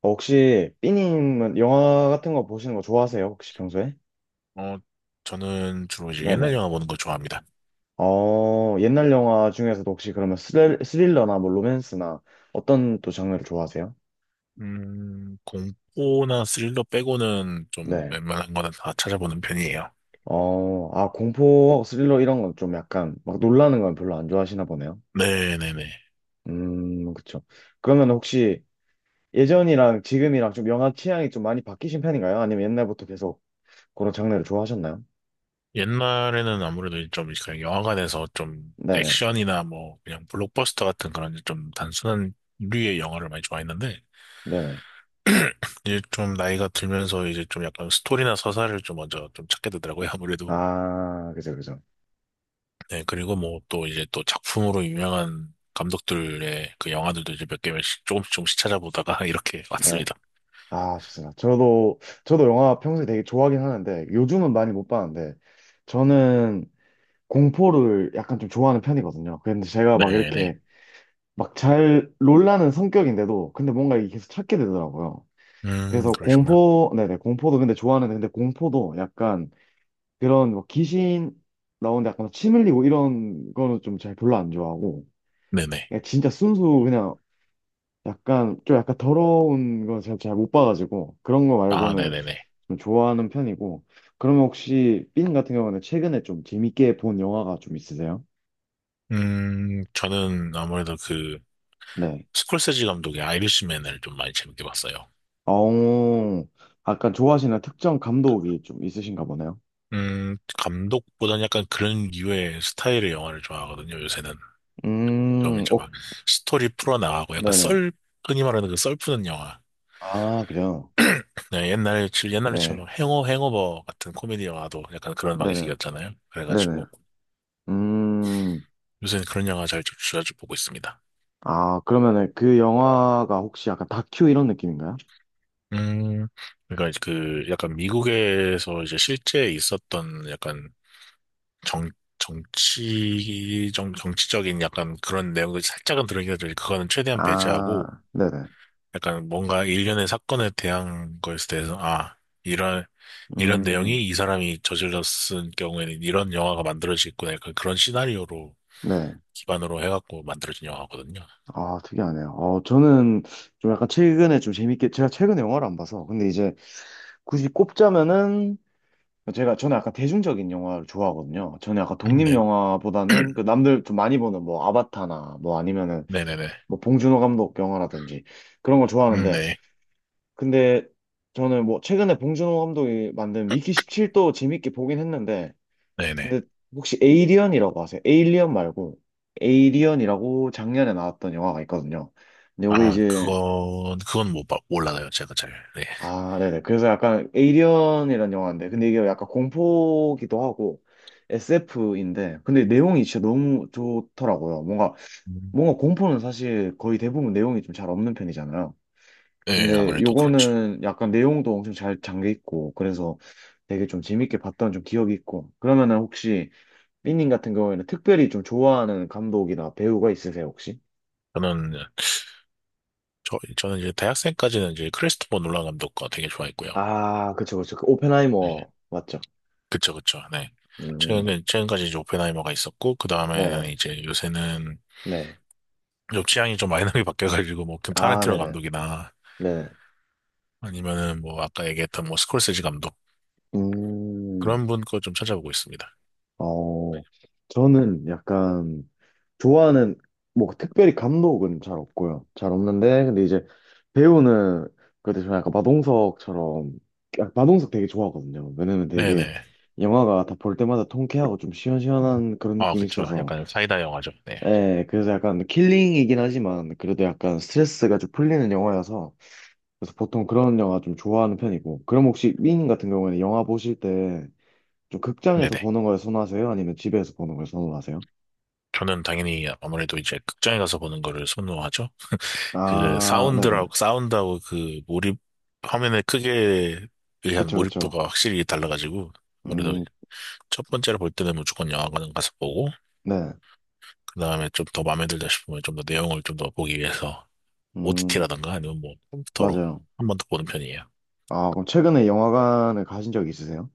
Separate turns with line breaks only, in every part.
어, 혹시 삐님은 영화 같은 거 보시는 거 좋아하세요? 혹시 평소에?
어, 저는 주로 이제 옛날
네네.
영화 보는 걸 좋아합니다.
어, 옛날 영화 중에서도 혹시 그러면 스릴러나 뭐 로맨스나 어떤 또 장르를 좋아하세요?
공포나 스릴러 빼고는 좀
네.
웬만한 거는 다 찾아보는 편이에요.
어, 아, 공포, 스릴러 이런 건 좀 약간 막 놀라는 건 별로 안 좋아하시나 보네요.
네네네.
그쵸. 그러면 혹시 예전이랑 지금이랑 좀 영화 취향이 좀 많이 바뀌신 편인가요? 아니면 옛날부터 계속 그런 장르를 좋아하셨나요?
옛날에는 아무래도 좀 그냥 영화관에서 좀
네네.
액션이나 뭐 그냥 블록버스터 같은 그런 좀 단순한 류의 영화를 많이 좋아했는데
네네.
이제 좀 나이가 들면서 이제 좀 약간 스토리나 서사를 좀 먼저 좀 찾게 되더라고요. 아무래도.
아, 그죠, 그죠.
네, 그리고 뭐 또 이제 또 작품으로 유명한 감독들의 그 영화들도 이제 몇 개씩 조금씩 조금씩 찾아보다가 이렇게
네.
왔습니다.
아, 좋습니다. 저도 영화 평소에 되게 좋아하긴 하는데, 요즘은 많이 못 봤는데, 저는 공포를 약간 좀 좋아하는 편이거든요. 근데 제가 막
네네.
이렇게 막 잘 놀라는 성격인데도, 근데 뭔가 이게 계속 찾게 되더라고요. 그래서
그러시구나.
공포, 네네, 공포도 근데 좋아하는데, 근데 공포도 약간 그런 뭐 귀신 나오는데 약간 침 흘리고 이런 거는 좀 잘 별로 안 좋아하고,
네네.
그냥 진짜 순수 그냥 약간 좀 약간 더러운 거 제가 잘 못 봐가지고, 그런 거
아,
말고는
네네네.
좀 좋아하는 편이고. 그러면 혹시 삔 같은 경우는 최근에 좀 재밌게 본 영화가 좀 있으세요?
저는 아무래도 그
네.
스콜세지 감독의 아이리시맨을 좀 많이 재밌게 봤어요.
어, 약간 좋아하시는 특정 감독이 좀 있으신가 보네요.
감독보다는 약간 그런 류의 스타일의 영화를 좋아하거든요, 요새는. 좀 이제
어,
막 스토리 풀어나가고 약간
네네.
썰, 흔히 말하는 그 썰 푸는 영화.
아, 그래요.
네, 옛날에 치면 뭐
네.
행어버 같은 코미디 영화도 약간 그런
네네.
방식이었잖아요.
네네.
그래가지고
음,
요새는 그런 영화 잘쭉 자주 보고 있습니다.
아, 그러면은 그 영화가 혹시 약간 다큐 이런 느낌인가요?
음, 그러니까 그 약간 미국에서 이제 실제 있었던 약간 정, 정치적인 약간 그런 내용들 살짝은 들어있긴 하지 그거는 최대한
아,
배제하고
네네.
약간 뭔가 일련의 사건에 대한 거에 대해서, 아, 이런, 이런
음,
내용이 이 사람이 저질렀을 경우에는 이런 영화가 만들어지겠구나. 약간 그런 시나리오로
네.
기반으로 해갖고 만들어진 영화거든요.
아, 특이하네요. 어, 저는 좀 약간 최근에 좀 재밌게, 제가 최근에 영화를 안 봐서, 근데 이제 굳이 꼽자면은 제가 저는 약간 대중적인 영화를 좋아하거든요. 저는 약간
네,
독립 영화보다는 그 남들 좀 많이 보는 뭐 아바타나 뭐 아니면은
네네네.
뭐 봉준호 감독 영화라든지 그런 걸 좋아하는데
네.
근데 저는 뭐 최근에 봉준호 감독이 만든 미키 17도 재밌게 보긴 했는데
네네.
근데 혹시 에이리언이라고 아세요? 에일리언 말고 에이리언이라고 작년에 나왔던 영화가 있거든요. 근데 요게
아,
이제
그건 못, 봐- 몰라요. 제가 잘. 네.
아, 네네. 그래서 약간 에이리언이라는 영화인데, 근데 이게 약간 공포기도 하고 SF인데, 근데 내용이 진짜 너무 좋더라고요. 뭔가
음.
뭔가 공포는 사실 거의 대부분 내용이 좀 잘 없는 편이잖아요.
네,
근데
아무래도 그렇죠.
요거는 약간 내용도 엄청 잘 잠겨 있고, 그래서 되게 좀 재밌게 봤던 좀 기억이 있고. 그러면은 혹시 삐님 같은 경우에는 특별히 좀 좋아하는 감독이나 배우가 있으세요, 혹시?
저는, 저는 이제 대학생까지는 이제 크리스토퍼 놀란 감독과 되게 좋아했고요.
아, 그쵸, 그쵸. 그
네.
오펜하이머 맞죠?
그쵸, 그쵸. 네.
음,
최근까지 이제 오펜하이머가 있었고, 그 다음에는
네네.
이제 요새는
네.
좀 취향이 좀 많이 나게 바뀌어가지고, 뭐, 그
아,
타란티노
네네.
감독이나,
네.
아니면은 뭐, 아까 얘기했던 뭐, 스콜세지 감독.
음,
그런 분 거 좀 찾아보고 있습니다.
어, 저는 약간 좋아하는, 뭐, 특별히 감독은 잘 없고요. 잘 없는데, 근데 이제 배우는, 그래도 저는 약간 마동석처럼, 마동석 되게 좋아하거든요. 왜냐면 되게
네네.
영화가 다 볼 때마다 통쾌하고 좀 시원시원한 그런
아,
느낌이
그쵸.
있어서,
약간 사이다 영화죠. 네.
예, 그래서 약간 킬링이긴 하지만, 그래도 약간 스트레스가 좀 풀리는 영화여서, 그래서 보통 그런 영화 좀 좋아하는 편이고, 그럼 혹시 윙 같은 경우에는 영화 보실 때, 좀 극장에서
네네.
보는 걸 선호하세요? 아니면 집에서 보는 걸 선호하세요?
저는 당연히 아무래도 이제 극장에 가서 보는 거를 선호하죠. 그
아, 네네.
사운드하고 그 몰입, 화면의 크기에 의한
그쵸, 그쵸.
몰입도가 확실히 달라가지고, 아무래로
음,
첫 번째로 볼 때는 무조건 영화관을 가서 보고,
네.
그 다음에 좀 더 마음에 들다 싶으면 좀 더 내용을 좀 더 보기 위해서
음,
OTT라던가 아니면 뭐 컴퓨터로
맞아요.
한 번 더 보는 편이에요.
아, 그럼 최근에 영화관을 가신 적 있으세요?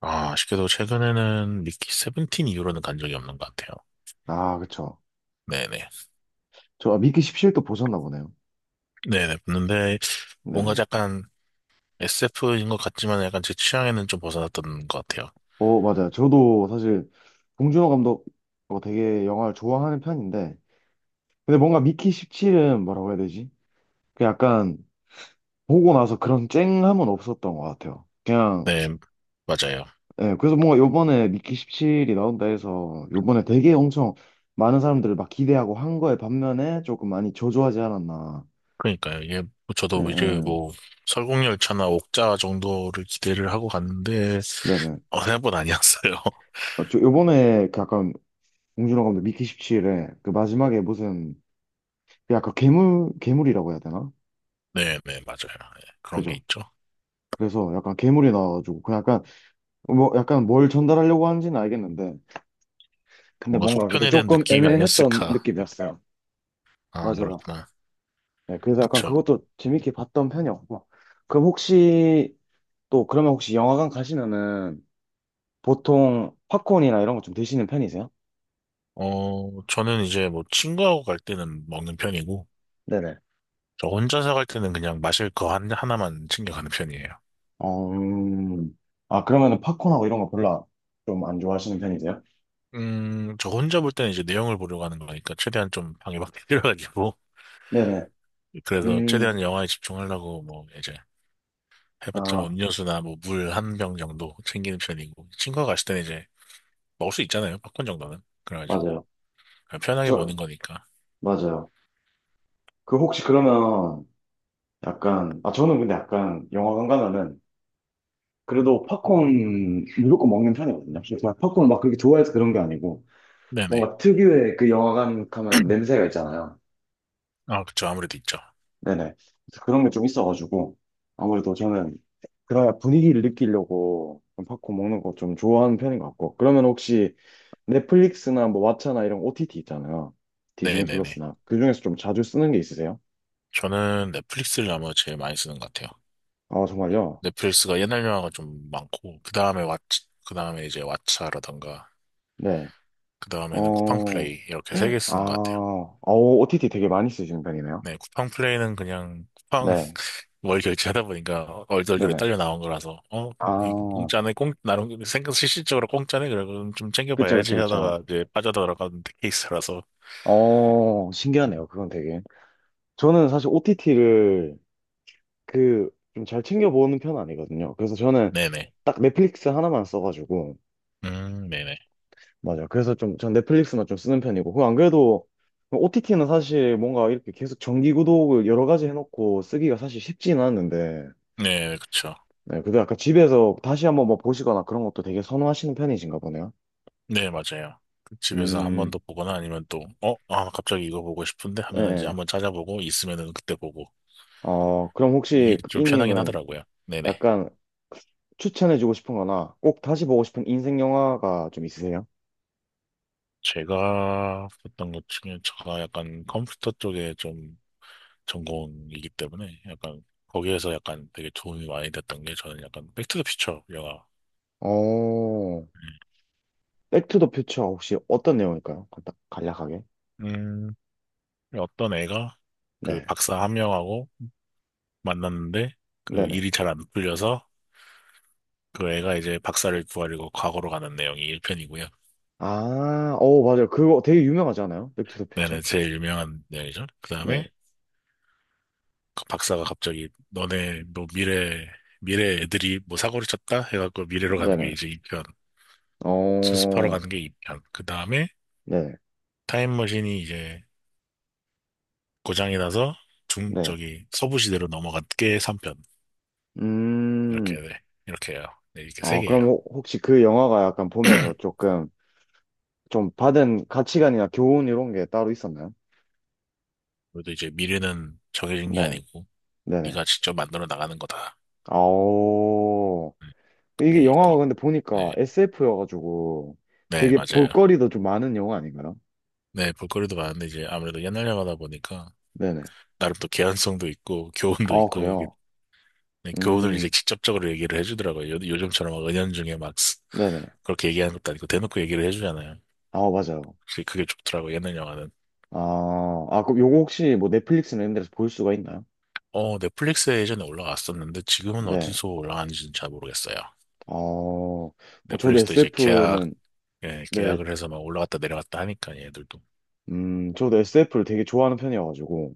아, 아쉽게도 최근에는 미키 세븐틴 이후로는 간 적이 없는 것 같아요.
아, 그쵸.
네네.
저 아, 미키 17도 보셨나 보네요.
네네. 봤는데, 뭔가
네.
약간 SF인 것 같지만 약간 제 취향에는 좀 벗어났던 것 같아요.
어, 맞아요. 저도 사실 봉준호 감독 어, 되게 영화를 좋아하는 편인데, 근데 뭔가 미키 17은 뭐라고 해야 되지? 그 약간 보고 나서 그런 쨍함은 없었던 것 같아요. 그냥
네, 맞아요.
예, 그래서 뭔가 요번에 미키 17이 나온다 해서 요번에 되게 엄청 많은 사람들을 막 기대하고 한 거에 반면에 조금 많이 저조하지 않았나.
그러니까요. 이게 뭐
예,
저도 이제
예.
뭐 설국열차나 옥자 정도를 기대를 하고 갔는데
네네.
어느 보다 아니었어요.
어, 저 요번에 그 약간 봉준호 감독 미키 17에 그 마지막에 무슨 그 약간 괴물이라고 해야 되나?
네, 네, 맞아요. 예, 그런 게
그죠?
있죠.
그래서 약간 괴물이 나와가지고 그 약간 뭐 약간 뭘 전달하려고 하는지는 알겠는데 근데
뭔가
뭔가 그래도
속편에 대한
조금
느낌이
애매했던
아니었을까.
느낌이었어요.
아,
맞아요.
그렇구나.
네, 그래서 약간
그쵸.
그것도 재밌게 봤던 편이었고 그럼 혹시 또 그러면 혹시 영화관 가시면은 보통 팝콘이나 이런 거 좀 드시는 편이세요?
어, 저는 이제 뭐 친구하고 갈 때는 먹는 편이고,
네네.
저 혼자서 갈 때는 그냥 마실 거 하나만 챙겨가는 편이에요.
어, 아, 그러면은 팝콘하고 이런 거 별로 좀 안 좋아하시는 편이세요?
저 혼자 볼 때는 이제 내용을 보려고 하는 거니까, 최대한 좀 방해받기 싫어가지고.
네네.
그래서 최대한
음,
영화에 집중하려고, 뭐, 이제, 해봤자 뭐
아,
음료수나 뭐 물 한 병 정도 챙기는 편이고, 친구가 갔을 때는 이제 먹을 수 있잖아요, 팝콘 정도는. 그래가지고,
맞아요.
그냥 편하게 보는
저,
거니까.
맞아요. 그 혹시 그러면 약간, 아, 저는 근데 약간 영화관 가면은 그래도 팝콘 무조건 먹는 편이거든요. 막 팝콘을 막 그렇게 좋아해서 그런 게 아니고
네네.
뭔가 특유의 그 영화관 가면 냄새가 있잖아요.
아, 그쵸. 아무래도 있죠.
네네. 그런 게 좀 있어가지고, 아무래도 저는 그래야 분위기를 느끼려고 좀 팝콘 먹는 거 좀 좋아하는 편인 것 같고. 그러면 혹시 넷플릭스나 뭐 왓챠나 이런 OTT 있잖아요. 디즈니
네네네.
플러스나. 그 중에서 좀 자주 쓰는 게 있으세요?
저는 넷플릭스를 아마 제일 많이 쓰는 것 같아요.
아, 정말요?
넷플릭스가 옛날 영화가 좀 많고, 그 다음에 왓 그 다음에 이제 왓챠라던가,
네.
그 다음에는
어,
쿠팡플레이, 이렇게 세 개
아,
쓰는 것 같아요.
어, OTT 되게 많이 쓰시는 편이네요.
네, 쿠팡 플레이는 그냥 쿠팡
네.
월 결제하다 보니까 얼떨결에
네네.
딸려 나온 거라서 어, 이
아,
공짜네, 공 나름 생각 실질적으로 공짜네 그래 그럼 좀
그쵸, 그쵸,
챙겨봐야지
그쵸.
하다가 이제 빠져들어가는 케이스라서
어, 신기하네요. 그건 되게. 저는 사실 OTT를 그 좀 잘 챙겨보는 편 아니거든요. 그래서 저는
네네,
딱 넷플릭스 하나만 써가지고
네네,
맞아요. 그래서 좀 전 넷플릭스만 좀 쓰는 편이고 그 안 그래도 OTT는 사실 뭔가 이렇게 계속 정기 구독을 여러 가지 해놓고 쓰기가 사실 쉽지는 않은데
네, 그쵸,
네, 그래도 약간 집에서 다시 한번 뭐 보시거나 그런 것도 되게 선호하시는 편이신가 보네요.
네, 맞아요. 그 집에서 한 번
음,
더 보거나 아니면 또 어, 아, 갑자기 이거 보고 싶은데
예.
하면은 이제
예.
한번 찾아보고 있으면은 그때 보고
어, 그럼
이게
혹시 그
좀 편하긴
삐님은
하더라고요. 네네.
약간 추천해주고 싶은 거나 꼭 다시 보고 싶은 인생 영화가 좀 있으세요?
제가 했던 것 중에 제가 약간 컴퓨터 쪽에 좀 전공이기 때문에 약간 거기에서 약간 되게 도움이 많이 됐던 게 저는 약간 백투더퓨처 영화.
어, 백투 더 퓨처 혹시 어떤 내용일까요? 간략하게.
음, 어떤 애가 그
네.
박사 한 명하고 만났는데 그
네네.
일이 잘 안 풀려서 그 애가 이제 박사를 구하려고 과거로 가는 내용이 1편이고요.
아, 오 맞아요. 그거 되게 유명하지 않아요? 백투 더 퓨처?
네네, 제일 유명한 내용이죠. 그
네.
다음에 그 박사가 갑자기 너네 뭐 미래 애들이 뭐 사고를 쳤다? 해갖고 미래로 가는 게
네네.
이제 이편 수습하러
어,
가는 게 2편. 그 다음에
네.
타임머신이 이제 고장이 나서
네.
저기 서부시대로 넘어간 게 3편. 이렇게,
음,
네. 이렇게 해요. 네, 이렇게
어,
세개예요
그럼 혹시 그 영화가 약간 보면서 조금 좀 받은 가치관이나 교훈 이런 게 따로 있었나요?
그래도 이제 미래는 정해진 게
네.
아니고,
네네.
네가 직접 만들어 나가는 거다.
아오.
음,
이게
그게 있
영화가 근데 보니까
네.
SF여가지고
네,
되게
맞아요.
볼거리도 좀 많은 영화 아닌가요?
네, 볼거리도 많은데 이제 아무래도 옛날 영화다 보니까
네네.
나름 또 개연성도 있고, 교훈도
아,
있고, 이게
그래요.
네, 교훈을 이제
음.
직접적으로 얘기를 해주더라고요. 요즘처럼 막 은연중에 막
네네.
그렇게 얘기하는 것도 아니고 대놓고 얘기를 해주잖아요.
아, 맞아요.
그게 좋더라고, 예능 영화는.
아, 아, 그럼 요거 혹시 뭐 넷플릭스나 이런 데서 볼 수가 있나요?
어, 넷플릭스에 예전에 올라왔었는데 지금은
네.
어디서 올라가는지는 잘 모르겠어요.
어, 어, 저도
넷플릭스도 이제 계약,
SF는,
예,
네,
계약을 해서 막 올라갔다 내려갔다 하니까 얘들도.
저도 SF를 되게 좋아하는 편이어가지고,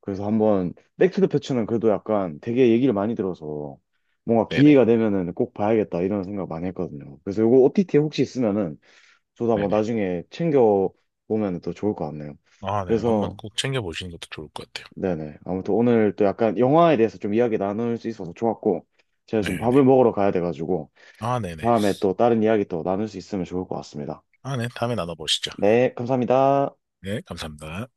그래서 한번, 백투 더 퓨처는 그래도 약간 되게 얘기를 많이 들어서, 뭔가 기회가
네네.
되면은 꼭 봐야겠다, 이런 생각 많이 했거든요. 그래서 요거 OTT에 혹시 있으면은, 저도 한번
네네.
나중에 챙겨보면 또 좋을 것 같네요.
아, 네. 한번
그래서,
꼭 챙겨보시는 것도 좋을 것 같아요.
네네. 아무튼 오늘 또 약간 영화에 대해서 좀 이야기 나눌 수 있어서 좋았고, 제가 지금 밥을
네네.
먹으러 가야 돼가지고,
아, 네네.
다음에 또 다른 이야기 또 나눌 수 있으면 좋을 것 같습니다.
아, 네. 다음에 나눠보시죠.
네, 감사합니다.
네, 감사합니다.